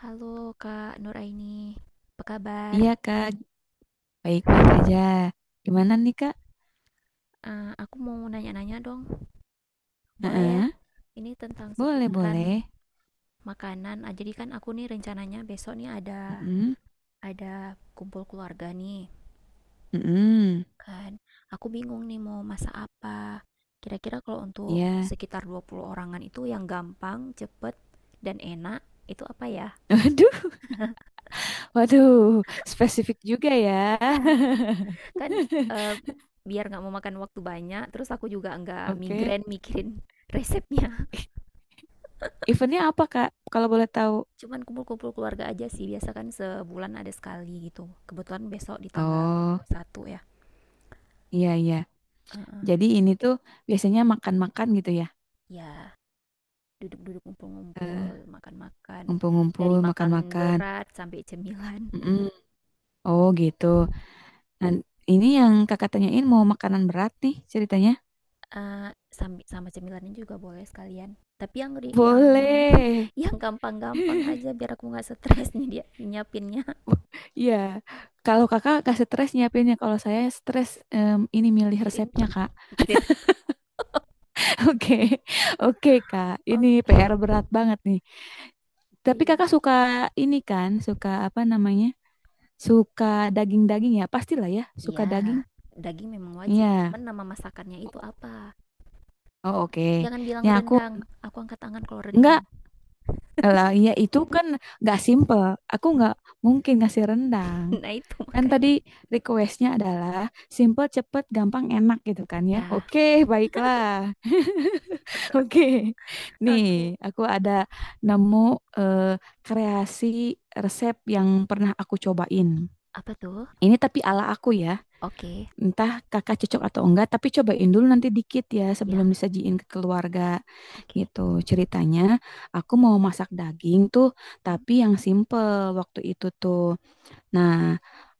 Halo Kak Nuraini, apa kabar? Iya kak, baik-baik aja. Gimana nih kak? Aku mau nanya-nanya dong, boleh ya? Heeh, Ini tentang boleh seputaran boleh. makanan. Jadi kan aku nih rencananya besok nih ada Mm-mm, ada kumpul keluarga nih, mm-mm, kan? Aku bingung nih mau masak apa. Kira-kira kalau untuk Iya. sekitar 20 orangan itu yang gampang, cepet, dan enak itu apa ya? Waduh, waduh, spesifik juga ya. Kan eh, biar nggak mau makan waktu banyak, terus aku juga nggak Oke, migrain mikirin resepnya. eventnya apa kak? Kalau boleh tahu? Cuman kumpul-kumpul keluarga aja sih, biasa kan sebulan ada sekali gitu. Kebetulan besok di tanggal Oh, 21 ya. iya iya. Heeh. Jadi ini tuh biasanya makan-makan gitu ya? Ya, duduk-duduk ngumpul-ngumpul, Eh, makan-makan. Ngumpul-ngumpul, Dari makan makan-makan. berat sampai cemilan. Mm-mm. Oh gitu. Nah, ini yang kakak tanyain mau makanan berat nih ceritanya? Sampai sama cemilannya juga boleh sekalian. Tapi yang Boleh. yang gampang-gampang aja biar aku nggak stres nih dia nyiapinnya. Iya, kalau kakak gak stres nyiapinnya, kalau saya stres ini milih Pikirin. resepnya kak. Pikirin. Oke, oke kak, ini Oke. PR berat banget nih. Tapi Iya. kakak suka ini kan, suka apa namanya? Suka daging-daging ya, pastilah ya, suka Iya, daging. daging memang wajib. Iya. Cuman nama masakannya itu apa? Oh oke. Jangan bilang Ya aku rendang, aku angkat tangan kalau rendang. nggak lah, ya itu kan nggak simple. Aku nggak mungkin ngasih rendang. Nah itu Kan tadi makanya. requestnya adalah simple, cepet, gampang, enak gitu kan ya. Ya. Oke, baiklah. Oke, nih, Oke. aku Apa ada tuh? nemu eh, kreasi resep yang pernah aku cobain. Ini tapi ala aku ya, Oke, entah kakak cocok atau enggak, tapi cobain dulu nanti dikit ya ya, sebelum disajiin ke keluarga oke. gitu. Ceritanya, aku mau masak daging tuh, Hmm. tapi yang simple waktu itu tuh. Nah,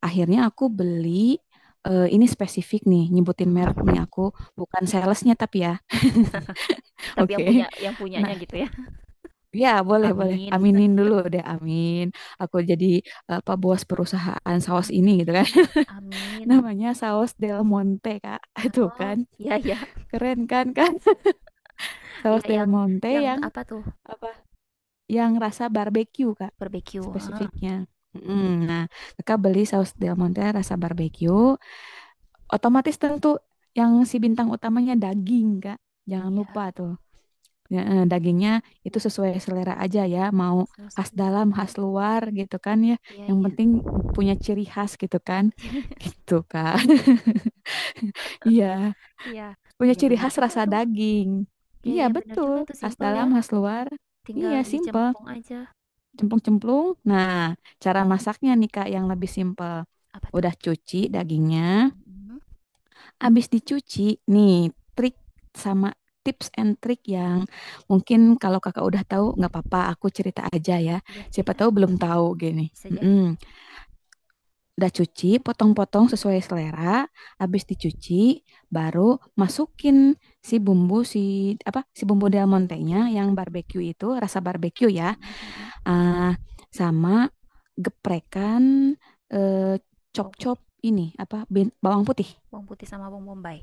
akhirnya aku beli, ini spesifik nih, nyebutin merek nih Hmm. aku, bukan salesnya tapi ya. Tapi yang punya Oke. yang punyanya Nah, gitu ya. ya, boleh, boleh. Amin. Aminin dulu deh, amin. Aku jadi apa bos perusahaan saus ini gitu kan. Amin. Amin. Namanya saus Del Monte, Kak. Itu Oh, kan. ya ya, Keren kan, Kak? Saus ya Del Monte yang yang apa tuh? apa? Yang rasa barbecue, Kak. Barbecue. Spesifiknya. Mm, nah, kakak beli saus Del Monte rasa barbecue, otomatis tentu yang si bintang utamanya daging, Kak. Jangan lupa Ya, tuh. Ya, dagingnya itu sesuai selera aja ya, that mau sounds khas basic. dalam, khas luar gitu kan ya. Iya, Yang iya. penting punya ciri khas gitu kan. Gitu kan. Iya, Iya. punya Iya ciri benar khas juga rasa tuh. daging. Iya, Iya, iya benar betul. juga tuh Khas simple dalam, ya. khas luar. Tinggal Iya, simple. dicemplung aja. Cemplung-cemplung. Nah, cara masaknya nih Kak yang lebih simple. Apa tuh? Udah cuci dagingnya, Mm-mm. abis dicuci, nih trik sama tips and trick yang mungkin kalau kakak udah tahu nggak apa-apa, aku cerita aja ya. Iya, Siapa cerita. tahu belum tahu gini. Bisa jadi Mm-mm. Udah cuci, potong-potong sesuai selera. Abis dicuci, baru masukin si bumbu si apa si bumbu Del Del Monte-nya Montenya, yang barbecue itu rasa barbecue ya, mhm mhm, ah, sama geprekan eh, bawang putih chop-chop ini apa bawang putih. bawang putih sama bawang bombay,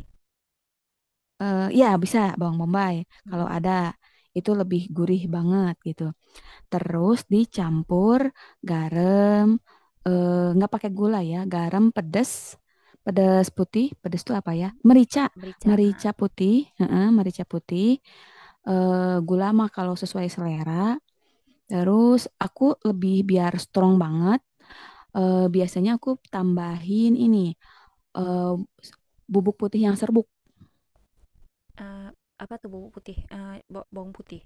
Eh, ya bisa bawang bombay kalau mhm, ada itu lebih gurih banget gitu. Terus dicampur garam, eh, nggak pakai gula ya, garam pedas, pedas putih, pedas itu apa ya? Merica, le merica, heeh, merica putih, heeh, merica putih, eh, gula mah kalau sesuai selera. Terus aku lebih biar strong banget, biasanya aku tambahin ini eh, bubuk putih yang serbuk. eee, apa tuh bawang putih, eee, ba bawang putih,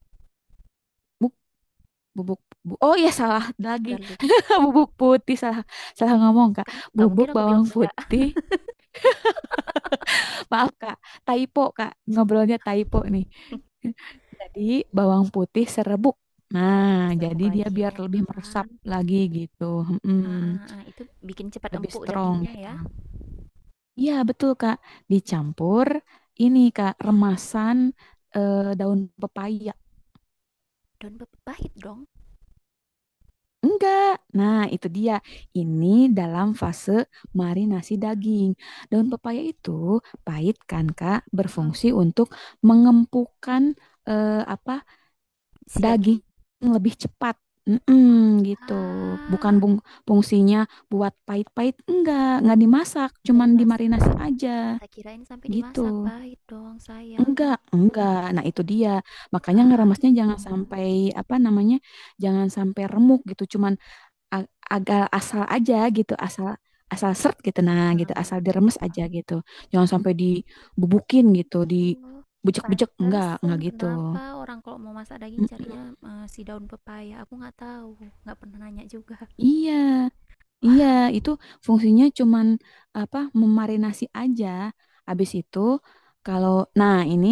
bubuk oh iya salah lagi. garlic, Bubuk putih salah salah ngomong kak, kan nggak mungkin bubuk aku bawang bilang beda. putih. Maaf kak, typo kak, ngobrolnya typo nih. Jadi bawang putih serebuk. Bawang putih Nah, serbuk jadi dia lagi, biar lebih oalah, meresap lagi gitu. heeh Mm-mm. heeh, itu bikin cepat Lebih empuk strong dagingnya gitu, ya, iya betul kak. Dicampur ini kak remasan daun pepaya. Pahit dong, Enggak. Nah, itu dia. Ini dalam fase marinasi daging. Daun pepaya itu pahit kan, Kak, berfungsi mhm, untuk mengempukkan apa si daging daging, lebih cepat. Mm-mm, gitu. ah, Bukan bung fungsinya buat pahit-pahit. Enggak dimasak, nggak cuman dimasak, dimarinasi aja tak kirain sampai dimasak, gitu. pahit dong sayang, Enggak, enggak. Nah, itu dia. Makanya ah, ngeremasnya jangan sampai apa namanya? Jangan sampai remuk gitu. Cuman a- agak asal aja gitu, asal asal seret gitu nah heeh gitu, asal heeh. diremes aja gitu. Jangan sampai dibubukin gitu, Oh, dibejek-bejek pantesan enggak gitu. kenapa orang kalau mau masak daging Mm, carinya si daun pepaya. Aku nggak tahu, nggak pernah nanya juga. iya, iya itu fungsinya cuman apa memarinasi aja. Habis itu kalau nah ini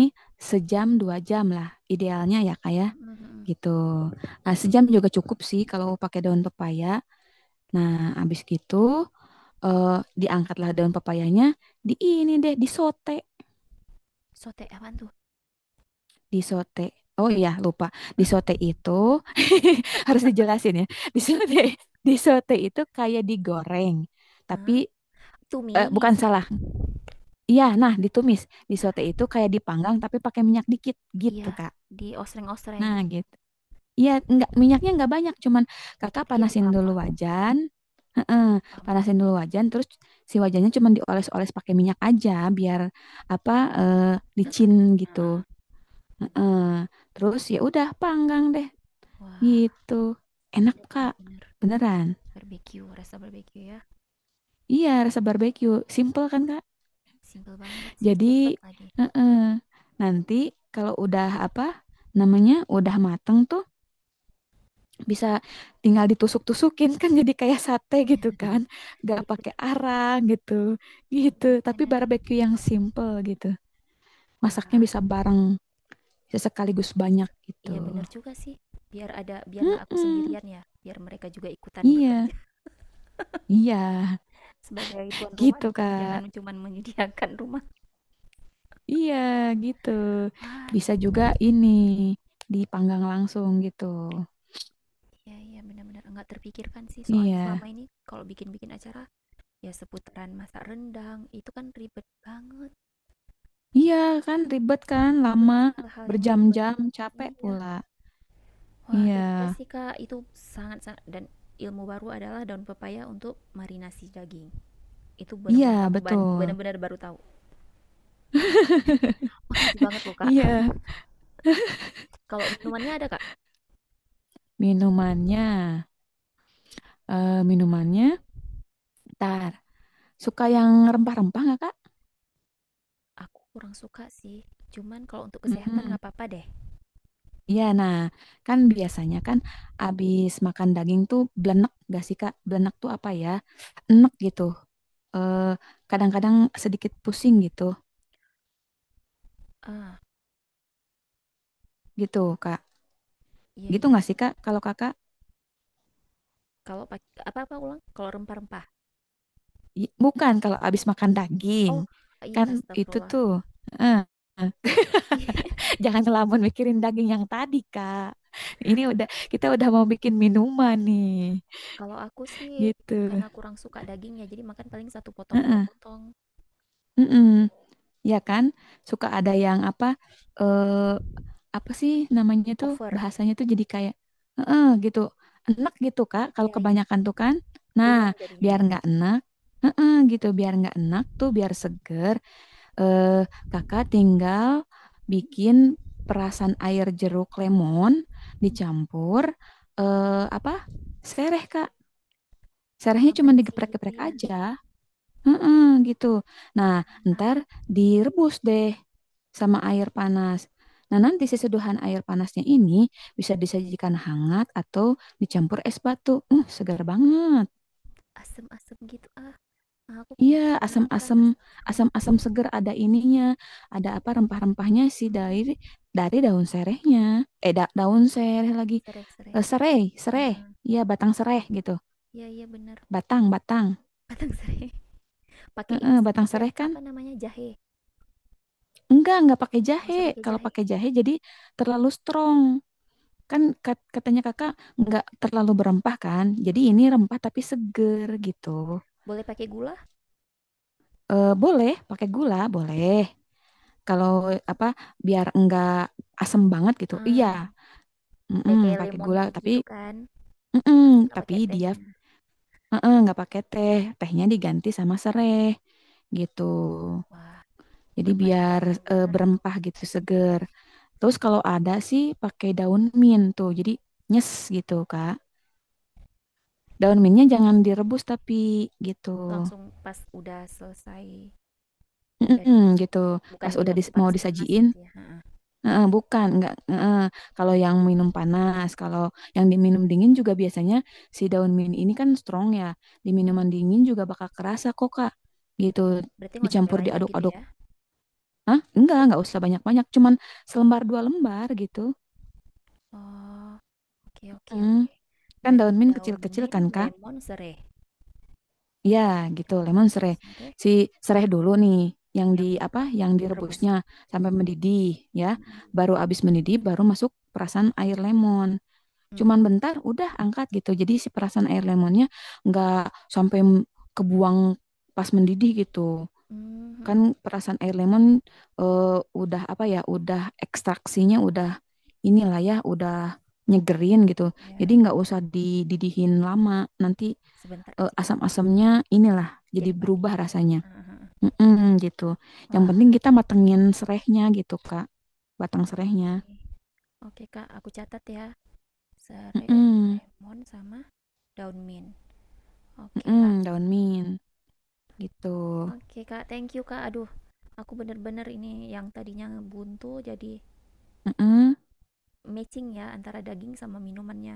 sejam dua jam lah idealnya ya kayak Mm-mm-mm. gitu. Nah, sejam juga cukup sih kalau pakai daun pepaya. Nah, abis gitu eh, diangkatlah daun papayanya, di ini deh, disote, Sote apaan tuh? disote. Oh iya, lupa. Disote itu harus dijelasin ya. Disote, disote itu kayak digoreng, tapi Ah, bukan tumis. salah. Iya, nah ditumis. Disote Ah, itu kayak dipanggang tapi pakai minyak dikit gitu, iya, Kak. di osreng-osreng. Nah, gitu. Iya, nggak minyaknya nggak banyak, cuman kakak Dikit, iya, panasin paham, dulu paham, wajan. Heeh, paham, paham. panasin dulu wajan, terus si wajannya cuman dioles-oles pakai minyak aja biar apa eh, Nggak licin kering. gitu. Heeh. Heeh. Terus ya udah panggang deh Wah, gitu. Enak bener-bener Kak, bener beneran. barbeque, rasa barbeque ya. Iya, rasa barbeque. Simple kan Kak? Simple banget sih, cepet Jadi lagi. heeh, nanti kalau udah apa namanya udah mateng tuh I- bisa tinggal ditusuk-tusukin kan jadi kayak sate gitu kan nggak iya, pakai bener-bener, arang gitu, gitu tapi bener-bener. barbeque yang simple gitu, masaknya bisa Wah. bareng bisa sekaligus banyak gitu. Iya bener juga sih, biar ada biar nggak aku Mm-mm. sendirian ya, biar mereka juga ikutan Iya, bekerja iya, sebagai tuan rumah, gitu kak, jangan cuman menyediakan rumah. iya gitu. Wah, Bisa juga ini dipanggang langsung gitu, iya iya benar-benar nggak terpikirkan sih, soalnya selama iya ini kalau bikin-bikin acara ya seputaran masak rendang, itu kan ribet banget. iya. Kan ribet kan Aku lama benci hal-hal yang ribet. berjam-jam capek Iya. pula. Wah, Iya terima kasih Kak, itu sangat-sangat dan ilmu baru adalah daun pepaya untuk marinasi daging. Itu iya benar-benar betul benar-benar baru tahu. Makasih banget loh Kak. iya. Kalau minumannya ada Kak? Minumannya, minumannya, tar. Suka yang rempah-rempah nggak, Kak? Aku kurang suka sih, cuman kalau untuk kesehatan Hmm, nggak apa-apa deh. iya. Nah, kan biasanya kan abis makan daging tuh blenek gak sih, Kak? Blenek tuh apa ya? Enek gitu. Eh, kadang-kadang sedikit pusing gitu, Ah, gitu, Kak. iya Gitu iya. nggak sih, Kak? Kalau Kakak, Kalau pakai apa-apa ulang? Kalau rempah-rempah. Bukan kalau abis makan daging, Oh, iya kan itu astagfirullah. tuh. Eh, jangan ngelamun mikirin daging yang tadi, Kak. Ini Udah, udah kita udah mau bikin minuman nih. kalau aku sih Gitu. karena kurang suka dagingnya, jadi makan paling satu potong dua Heeh, potong. heeh. Tuh. Ya kan, suka ada yang apa, eh, apa sih namanya tuh Over. bahasanya tuh jadi kayak, heeh gitu, enak gitu Kak. Kalau Iya iya, kebanyakan tuh kan, nah puyeng jadinya biar ya. nggak enak, heeh gitu, biar nggak enak tuh, biar seger. Eh, kakak tinggal bikin perasan air jeruk lemon dicampur, eh, apa, sereh Kak. Serehnya cuma Aman sih gitu digeprek-geprek ya, aja. Heeh, gitu. Nah, ntar direbus deh sama air panas. Nah, nanti si seduhan air panasnya ini bisa disajikan hangat atau dicampur es batu. Segar banget. asem-asem gitu ah. Ah, aku Iya, pengen sekarang kan asam-asam, astagfirullah. asam-asam segar ada ininya. Ada apa rempah-rempahnya sih Hmm, dari daun serehnya. Eh, daun sereh lagi. Sereh sereh. Eh, serai, serai. Heeh. Iya, batang serai gitu. Iya iya bener. Batang, batang. Padang sereh. Pakai ini Heeh, sedikit batang ya, serai kan apa namanya jahe. enggak pakai Nggak jahe. usah pakai Kalau jahe. pakai jahe jadi terlalu strong. Kan katanya kakak enggak terlalu berempah kan. Jadi Mhm. ini rempah tapi seger gitu. Boleh pakai gula? Eh, boleh pakai gula, boleh. Kalau apa biar enggak asem banget gitu. Ah, Iya, kayak mm-mm, kayak pakai lemon gula tea gitu tapi kan, tapi mm-mm, nggak tapi pakai dia tehnya. mm-mm, enggak pakai teh. Tehnya diganti sama sereh gitu. Wah, Jadi perpaduan biar yang bener itu, berempah gitu seger. Terus kalau ada sih pakai daun mint tuh. Jadi nyes gitu, Kak. Daun mintnya segar jangan sekali. direbus tapi gitu. Langsung pas udah selesai, udah Mm-mm, gitu. bukan Pas di udah waktu mau panas-panas disajiin, gitu ya. Heeh. eh, bukan, enggak. Kalau yang minum panas, kalau yang diminum dingin juga biasanya si daun mint ini kan strong ya. Di Hmm, minuman dingin juga bakal kerasa kok, Kak. Gitu. berarti nggak usah sampai Dicampur banyak gitu diaduk-aduk. ya? Hah? Enggak usah banyak-banyak. Cuman selembar dua lembar gitu. Oh, oke oke Mm. oke. Kan Berarti daun mint daun kecil-kecil kan, mint, Kak. lemon, serai. Iya, gitu. Daun mint, Lemon lemon, sereh. serai Si sereh dulu nih yang di yang apa? Yang direbus. direbusnya sampai mendidih ya. Mm-mm. Baru habis mendidih baru masuk perasan air lemon. Cuman Mm-mm. bentar udah angkat gitu. Jadi si perasan air lemonnya nggak sampai kebuang pas mendidih gitu. Kan Mhm. perasan air lemon eh, udah apa ya? Udah ekstraksinya udah inilah ya udah nyegerin gitu. Jadi Ya, nggak usah dididihin lama. Nanti sebentar aja gitu. asam-asamnya inilah jadi Jadi pahit berubah ya. rasanya. Aha. Mm-mm, gitu. Yang Wah. penting kita matengin serehnya gitu, Kak. Batang serehnya. Oke. Oke, Kak, aku catat ya. Sere, Mm-mm, lemon sama daun mint. Oke, mm-mm, Kak. daun mint gitu. Oke, Kak. Thank you, Kak. Aduh, aku bener-bener ini yang tadinya buntu jadi Mm-mm, matching ya antara daging sama minumannya.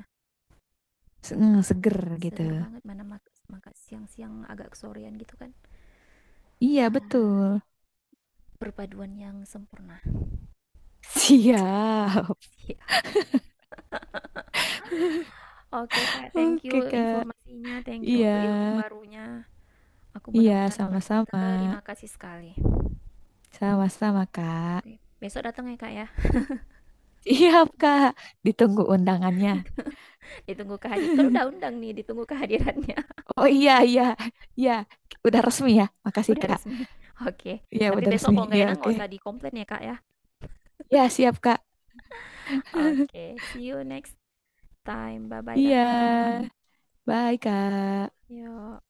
mm, seger gitu. Seger banget mana makan siang-siang agak kesorean gitu kan. Iya, Ya, betul. perpaduan yang sempurna. Siap. Siap. Oke, Kak. Thank Oke, you Kak. informasinya. Thank you Iya. untuk ilmu barunya. Aku Iya, benar-benar sama-sama. berterima kasih sekali. Sama-sama, Kak. Oke, besok datang ya, Kak ya. Siap, Kak. Ditunggu undangannya. Ditunggu kan udah undang nih, ditunggu kehadirannya, Oh iya, iya, iya. Udah resmi ya. Makasih, udah Kak. resmi. Oke, Iya, tapi udah besok resmi. kalau nggak Iya, enak oke. nggak usah dikomplain ya, Kak, ya. Ya, siap, Kak. Oke, see you next time, bye-bye, Kakak. Iya. Bye, Kak. Yo.